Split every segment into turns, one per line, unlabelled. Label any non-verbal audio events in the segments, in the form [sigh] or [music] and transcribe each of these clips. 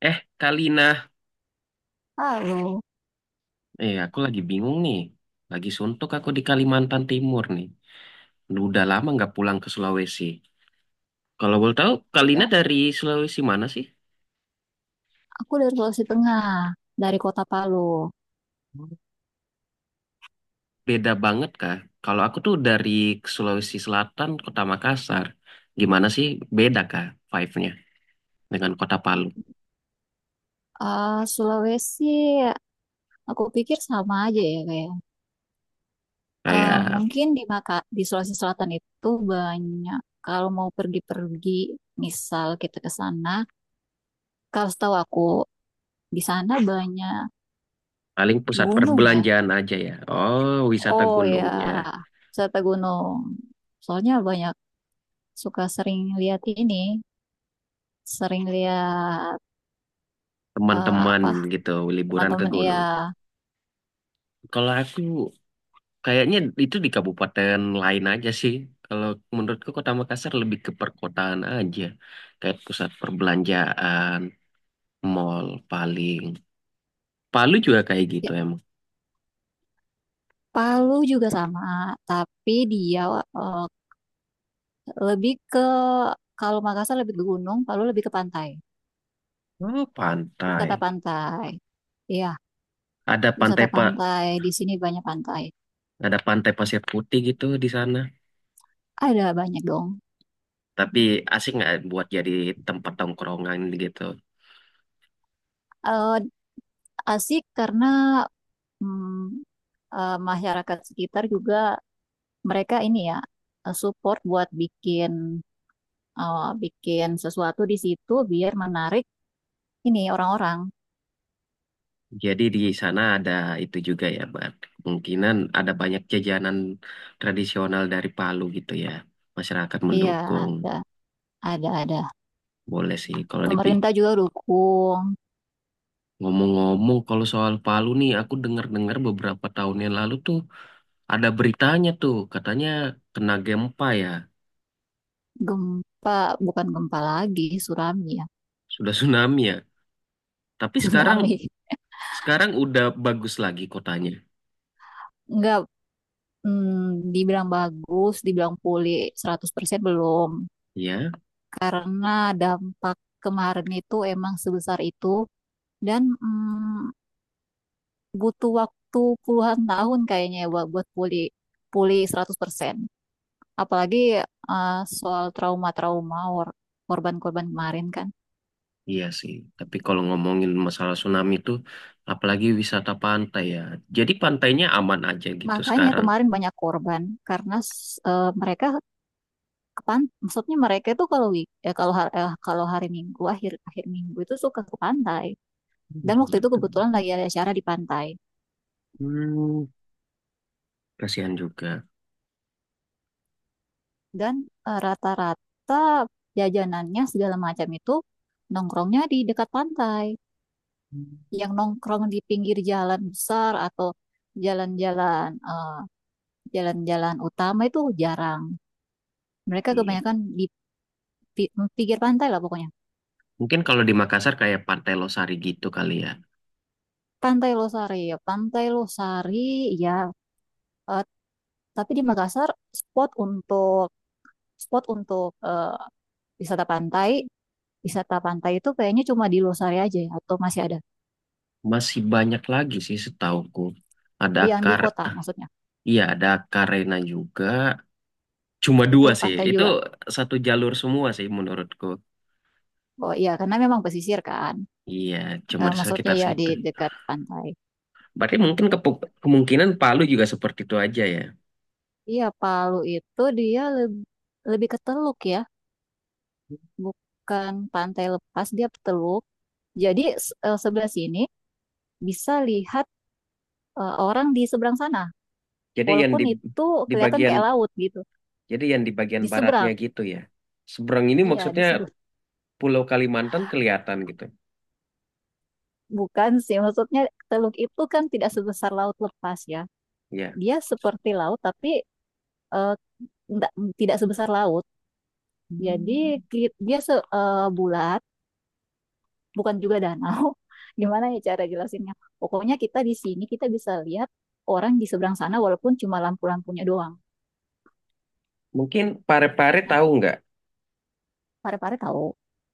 Eh, Kalina.
Palu.
Eh, aku lagi bingung nih. Lagi suntuk aku di Kalimantan Timur nih. Udah lama nggak pulang ke Sulawesi. Kalau boleh tahu, Kalina
Tidak,
dari Sulawesi mana sih?
Aku dari Sulawesi Tengah, dari kota Palu.
Hmm. Beda banget kah? Kalau aku tuh dari Sulawesi Selatan, Kota Makassar. Gimana sih beda kah vibe-nya dengan Kota Palu?
Sulawesi, aku pikir sama aja ya kayak.
Kayak
Mungkin di Sulawesi Selatan itu banyak. Kalau mau pergi-pergi, misal kita ke sana, kalau setahu aku di sana banyak
paling pusat
gunung ya.
perbelanjaan aja ya. Oh, wisata
Oh ya,
gunungnya.
wisata gunung. Soalnya banyak suka sering lihat ini, sering lihat eh,
Teman-teman
apa
gitu, liburan ke
teman-teman ya.
gunung. Kalau aku kayaknya itu di kabupaten lain aja sih. Kalau menurutku Kota Makassar lebih ke perkotaan aja. Kayak pusat perbelanjaan, mall paling. Palu juga kayak gitu emang.
Palu juga sama, tapi dia eh, lebih ke kalau Makassar lebih ke gunung, Palu lebih ke pantai,
Oh,
wisata
pantai.
pantai. Iya,
Ada pantai
wisata
Pak,
pantai. Di sini banyak pantai.
ada pantai pasir putih gitu di sana.
Ada banyak dong.
Tapi asik nggak buat jadi tempat tongkrongan gitu.
Eh, Asik karena mm, masyarakat sekitar juga mereka ini ya support buat bikin bikin sesuatu di situ biar menarik ini orang-orang.
Jadi di sana ada itu juga ya, Bang. Kemungkinan ada banyak jajanan tradisional dari Palu gitu ya. Masyarakat
Iya,
mendukung.
ada ada ada.
Boleh sih kalau dipik.
Pemerintah juga dukung.
Ngomong-ngomong kalau soal Palu nih aku dengar-dengar beberapa tahun yang lalu tuh ada beritanya tuh katanya kena gempa ya,
Gempa, bukan gempa lagi, tsunami ya.
sudah [laughs] tsunami ya. Tapi
[laughs]
sekarang
Tsunami.
sekarang udah bagus lagi kotanya.
Enggak, dibilang bagus, dibilang pulih 100% belum.
Ya,
Karena dampak kemarin itu emang sebesar itu dan butuh waktu puluhan tahun kayaknya ya buat buat pulih pulih 100%. Apalagi soal korban-korban kemarin kan.
iya sih. Tapi kalau ngomongin masalah tsunami tuh apalagi wisata pantai ya. Jadi pantainya aman aja gitu
Makanya
sekarang.
kemarin banyak korban karena mereka maksudnya mereka itu kalau week ya kalau hari Minggu akhir akhir Minggu itu suka ke pantai dan
Gitu.
waktu itu kebetulan lagi ada acara di pantai
Hmm, Kasihan juga.
dan rata-rata jajanannya segala macam itu nongkrongnya di dekat pantai
Hmm.
yang nongkrong di pinggir jalan besar atau jalan-jalan eh, jalan-jalan utama itu jarang, mereka
Iya.
kebanyakan di pinggir pantai lah pokoknya.
Mungkin kalau di Makassar kayak Pantai Losari gitu kali ya.
Pantai Losari ya Pantai Losari ya, eh, tapi di Makassar spot untuk spot untuk wisata pantai, wisata pantai itu kayaknya cuma di Losari aja ya, atau masih ada
Masih banyak lagi sih setauku. Ada
yang di
akar,
kota maksudnya.
iya ada karena juga. Cuma
Itu
dua sih.
pantai
Itu
juga.
satu jalur semua sih menurutku.
Oh iya, karena memang pesisir kan.
Iya, cuma di
Maksudnya
sekitar
ya di
situ.
dekat pantai.
Berarti mungkin kemungkinan Palu juga seperti itu aja ya.
Iya, Palu itu dia lebih lebih ke teluk ya, bukan pantai lepas, dia teluk. Jadi sebelah sini bisa lihat orang di seberang sana,
Jadi yang
walaupun
di
itu
di
kelihatan
bagian
kayak laut gitu.
jadi yang di bagian
Di
baratnya
seberang,
gitu ya. Seberang ini
iya di
maksudnya
seberang.
Pulau Kalimantan kelihatan gitu.
Bukan sih, maksudnya teluk itu kan tidak sebesar laut lepas ya.
Ya.
Dia seperti laut tapi eh, nggak- tidak sebesar laut. Jadi
Hmm.
dia bulat, bukan juga danau. [laughs] Gimana ya cara jelasinnya? Pokoknya kita di sini kita bisa lihat orang di seberang sana walaupun cuma lampu-lampunya doang.
Mungkin Pare-Pare
Nah,
tahu nggak?
pare-pare tahu.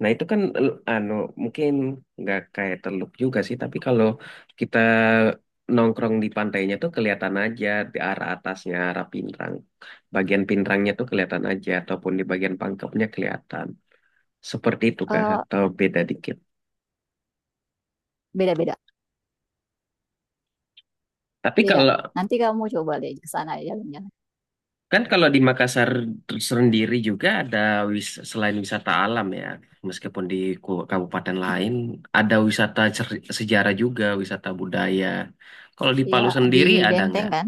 Nah itu kan anu mungkin nggak kayak teluk juga sih, tapi kalau kita nongkrong di pantainya tuh kelihatan aja di arah atasnya, arah Pinrang. Bagian Pinrangnya tuh kelihatan aja, ataupun di bagian pangkepnya kelihatan. Seperti itu kah?
Eh,
Atau beda dikit?
Beda-beda,
Tapi
beda.
kalau
Nanti kamu coba deh ke sana ya, jalan-jalan.
kan kalau di Makassar sendiri juga ada selain wisata alam ya, meskipun di kabupaten lain ada wisata sejarah juga, wisata budaya. Kalau di
Ya
Palu
di
sendiri ada
Benteng
nggak?
kan.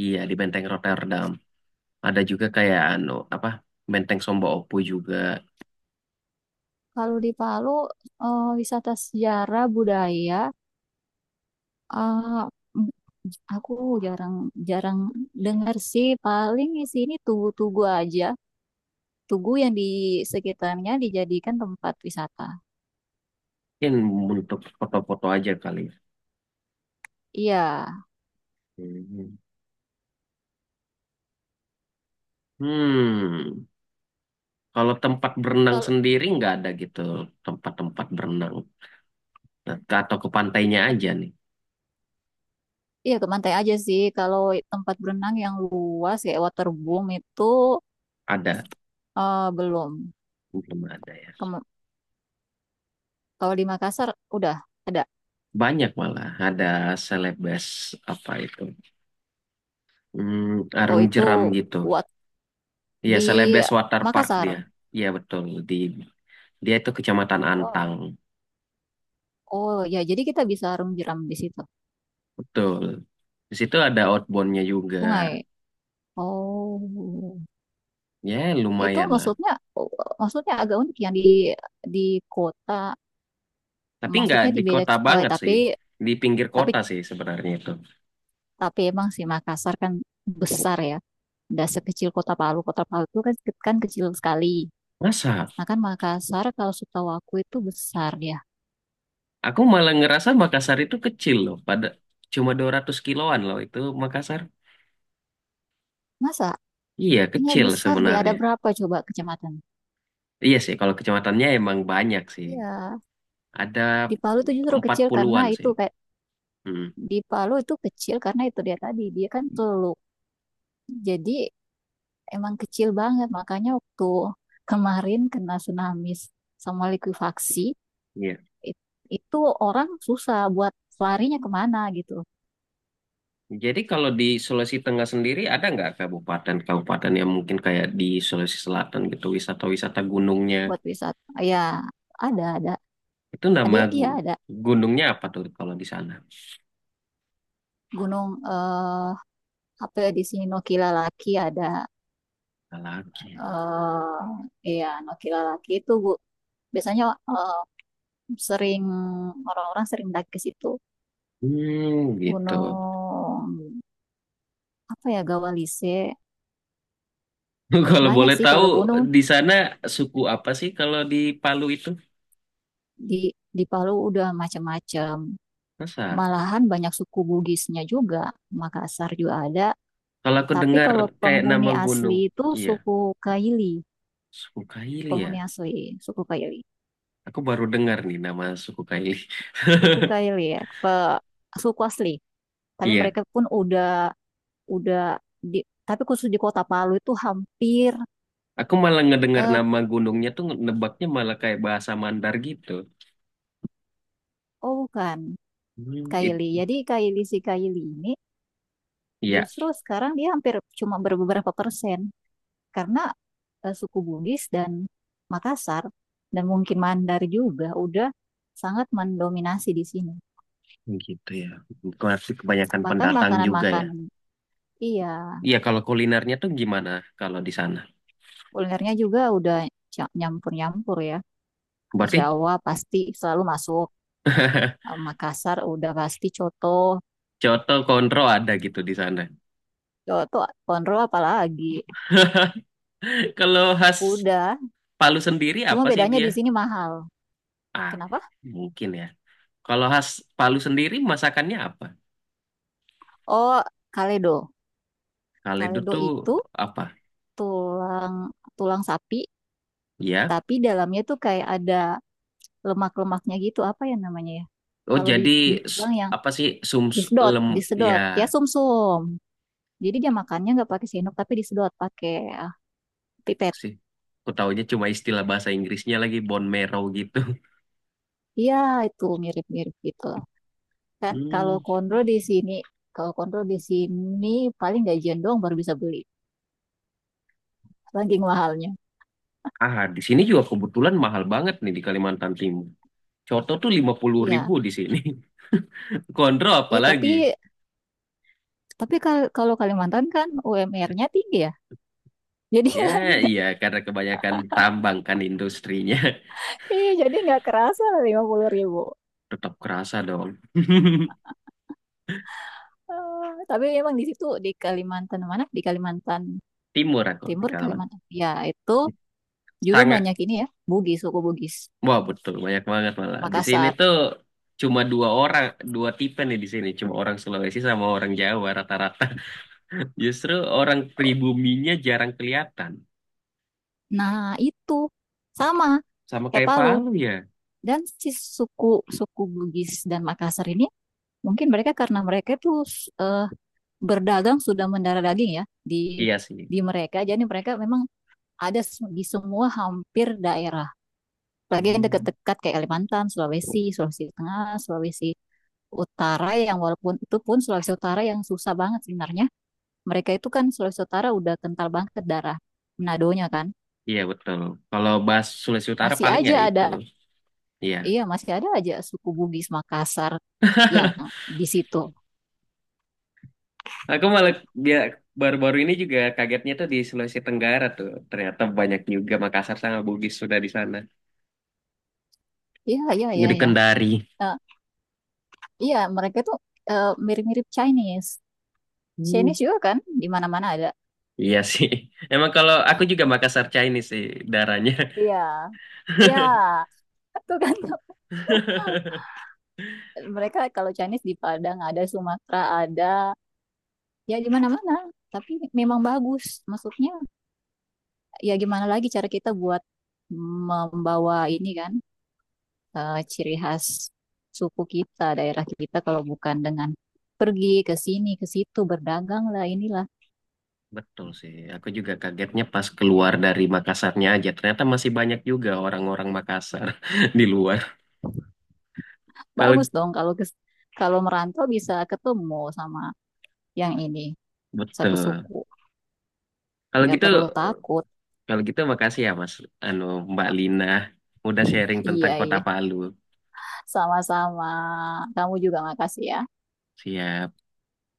Iya di Benteng Rotterdam. Ada juga kayak anu apa Benteng Somba Opu juga.
Kalau di Palu wisata sejarah budaya, ah, aku jarang jarang dengar sih, paling di sini tugu-tugu aja, tugu yang di sekitarnya dijadikan tempat wisata.
Mungkin untuk foto-foto aja kali, ya.
Iya.
Hmm. Hmm. Kalau tempat berenang
Kalau
sendiri nggak ada gitu, tempat-tempat berenang. Nah, atau ke pantainya
tempat,
aja nih.
iya ke pantai aja sih kalau tempat berenang yang luas kayak waterboom itu
Ada
belum.
belum ada ya.
Kem- Kalau di Makassar udah ada.
Banyak malah ada selebes, apa itu? Hmm,
oh
arung
itu
jeram gitu.
wat
Iya,
di
selebes water park
Makassar.
dia. Iya betul, di dia itu Kecamatan
Wah.
Antang.
Oh ya jadi kita bisa renang jeram di situ,
Betul. Di situ ada outboundnya juga.
sungai. Oh,
Ya,
itu
lumayan lah.
maksudnya maksudnya agak unik yang di kota,
Tapi nggak
maksudnya di
di
beda
kota
eh,
banget
tapi
sih. Di pinggir
tapi
kota sih sebenarnya itu.
tapi emang sih Makassar kan besar ya. Nggak sekecil Kota Palu. Kota Palu itu kan kan kecil sekali.
Masa?
Nah kan Makassar kalau setahu aku itu besar ya.
Aku malah ngerasa Makassar itu kecil loh. Pada cuma 200 kiloan loh itu Makassar.
Masa?
Iya,
Kayaknya
kecil
besar deh. Ada
sebenarnya.
berapa coba kecamatan?
Iya sih, kalau kecamatannya emang banyak sih.
Iya.
Ada
Di Palu itu justru kecil karena
40-an
itu
sih.
kayak
Hmm,
di Palu itu kecil karena itu dia tadi dia kan teluk. Jadi emang kecil banget. Makanya waktu kemarin kena tsunami sama likuifaksi,
iya.
it- itu orang susah buat larinya kemana gitu,
Jadi kalau di Sulawesi Tengah sendiri ada nggak kabupaten-kabupaten yang mungkin kayak di Sulawesi Selatan gitu, wisata-wisata gunungnya.
buat wisata. Ya, ada, ada,
Itu
ada,
nama
iya ada.
gunungnya apa tuh kalau di sana?
Gunung eh apa ya di sini Nokilalaki ada,
Laki.
eh iya Nokilalaki itu Bu. Biasanya eh, sering orang-orang sering daki ke situ.
Hmm, gitu.
Gunung apa ya Gawalise,
[laughs] Kalau
banyak
boleh
sih
tahu
kalau gunung
di sana suku apa sih kalau di Palu itu?
di di Palu udah macam-macam.
Masa?
Malahan banyak suku Bugisnya juga. Makassar juga ada.
Kalau aku
Tapi
dengar
kalau
kayak nama
penghuni
gunung,
asli itu
iya,
suku Kaili,
suku Kaili
penghuni
ya.
asli, suku Kaili.
Aku baru dengar nih nama suku Kaili. [laughs]
Suku Kaili ya, suku asli. Tapi
Iya,
mereka pun udah di, tapi khusus di Kota Palu itu hampir
aku malah ngedengar
eh,
nama gunungnya tuh nebaknya malah kayak bahasa Mandar gitu.
oh bukan
Hmm, it,
Kaili. Jadi Kaili si Kaili ini
iya,
justru sekarang dia hampir cuma berbeberapa persen karena suku Bugis dan Makassar dan mungkin Mandar juga udah sangat mendominasi di sini.
gitu ya. Berarti kebanyakan
Bahkan
pendatang juga ya.
makanan-makanan, iya,
Iya, kalau kulinernya tuh gimana kalau di sana?
kulinernya juga udah nyampur-nyampur ya.
Berarti
Jawa pasti selalu masuk.
[laughs]
Makassar udah pasti coto,
Coto Konro ada gitu di sana.
coto, konro apalagi.
[laughs] Kalau khas
Udah,
Palu sendiri
cuma
apa sih
bedanya
dia?
di sini mahal.
Ah,
Kenapa?
mungkin ya. Kalau khas Palu sendiri masakannya apa?
Oh, kaledo.
Kaledo
Kaledo
tuh
itu
apa?
tulang tulang sapi,
Ya.
tapi dalamnya tuh kayak ada lemak-lemaknya gitu apa ya namanya ya
Oh,
kalau
jadi
di
s-
tulang yang
apa sih sum
disedot
lem ya
disedot ya sumsum, jadi dia makannya nggak pakai sendok tapi disedot pakai ah, pipet.
sih. Aku taunya cuma istilah bahasa Inggrisnya lagi bone marrow gitu. [laughs]
Iya itu mirip-mirip gitu lah. Kan kalau
Hmm.
kondro di sini kalau kondro di sini paling gajian doang baru bisa beli saking mahalnya.
Ah, di sini juga kebetulan mahal banget nih di Kalimantan Timur. Coto tuh lima puluh
Iya
ribu di sini. [laughs] Konro
iya, tapi
apalagi?
kalau Kalimantan kan UMR-nya tinggi ya jadi
Ya,
nggak.
iya, karena kebanyakan tambang kan industrinya. [laughs]
[laughs] Iya jadi nggak kerasa 50 ribu.
Tetap kerasa dong. [laughs]
Tapi emang di situ di Kalimantan mana? Di Kalimantan
Timur aku di
Timur
Kalaman.
Kalimantan. Ya, itu juga
Sangat,
banyak ini ya, Bugis, suku Bugis,
wah betul, banyak banget malah. Di sini
Makassar.
tuh cuma dua orang, dua tipe nih di sini. Cuma orang Sulawesi sama orang Jawa rata-rata. [laughs] Justru orang pribuminya jarang kelihatan.
Nah, itu sama
Sama
kayak
kayak
Palu.
Palu ya.
Dan si suku suku Bugis dan Makassar ini mungkin mereka karena mereka tuh eh, berdagang sudah mendarah daging ya di
Iya sih.
di mereka. Jadi mereka memang ada di semua hampir daerah. Lagi yang
Hmm.
dekat-dekat kayak Kalimantan, Sulawesi, Sulawesi Tengah, Sulawesi Utara yang walaupun itu pun Sulawesi Utara yang susah banget sebenarnya, mereka itu kan Sulawesi Utara udah kental banget darah Menadonya kan.
Iya betul. Kalau bahas Sulawesi Utara
Masih
paling ya
aja
itu.
ada,
Iya.
iya masih ada aja suku Bugis Makassar yang di situ.
Nah, aku malah dia baru-baru ini juga kagetnya tuh di Sulawesi Tenggara tuh. Ternyata banyak juga Makassar sama Bugis sudah di sana.
Iya, iya, iya,
Jadi
iya.
Kendari.
Eh, iya, mereka itu mirip-mirip Chinese.
Hmm.
Chinese juga kan, di mana-mana ada.
Iya sih. [laughs] Emang kalau aku juga Makassar Chinese sih darahnya.
Iya, iya. Itu kan
[laughs]
[laughs] mereka kalau Chinese di Padang ada, Sumatera ada, ya di mana-mana. Tapi memang bagus. Maksudnya, ya gimana lagi cara kita buat membawa ini kan ciri khas suku kita, daerah kita kalau bukan dengan pergi ke sini ke situ berdagang lah inilah.
Betul sih. Aku juga kagetnya pas keluar dari Makassarnya aja. Ternyata masih banyak juga orang-orang Makassar [laughs] di luar. Kalau
Bagus dong kalau merantau bisa ketemu sama yang ini satu
betul.
suku.
Kalau
Nggak
gitu
perlu takut.
kalau gitu makasih ya Mas, anu, Mbak
Oh,
Lina udah sharing tentang
iya
Kota
iya,
Palu.
sama-sama. Kamu juga makasih ya.
Siap.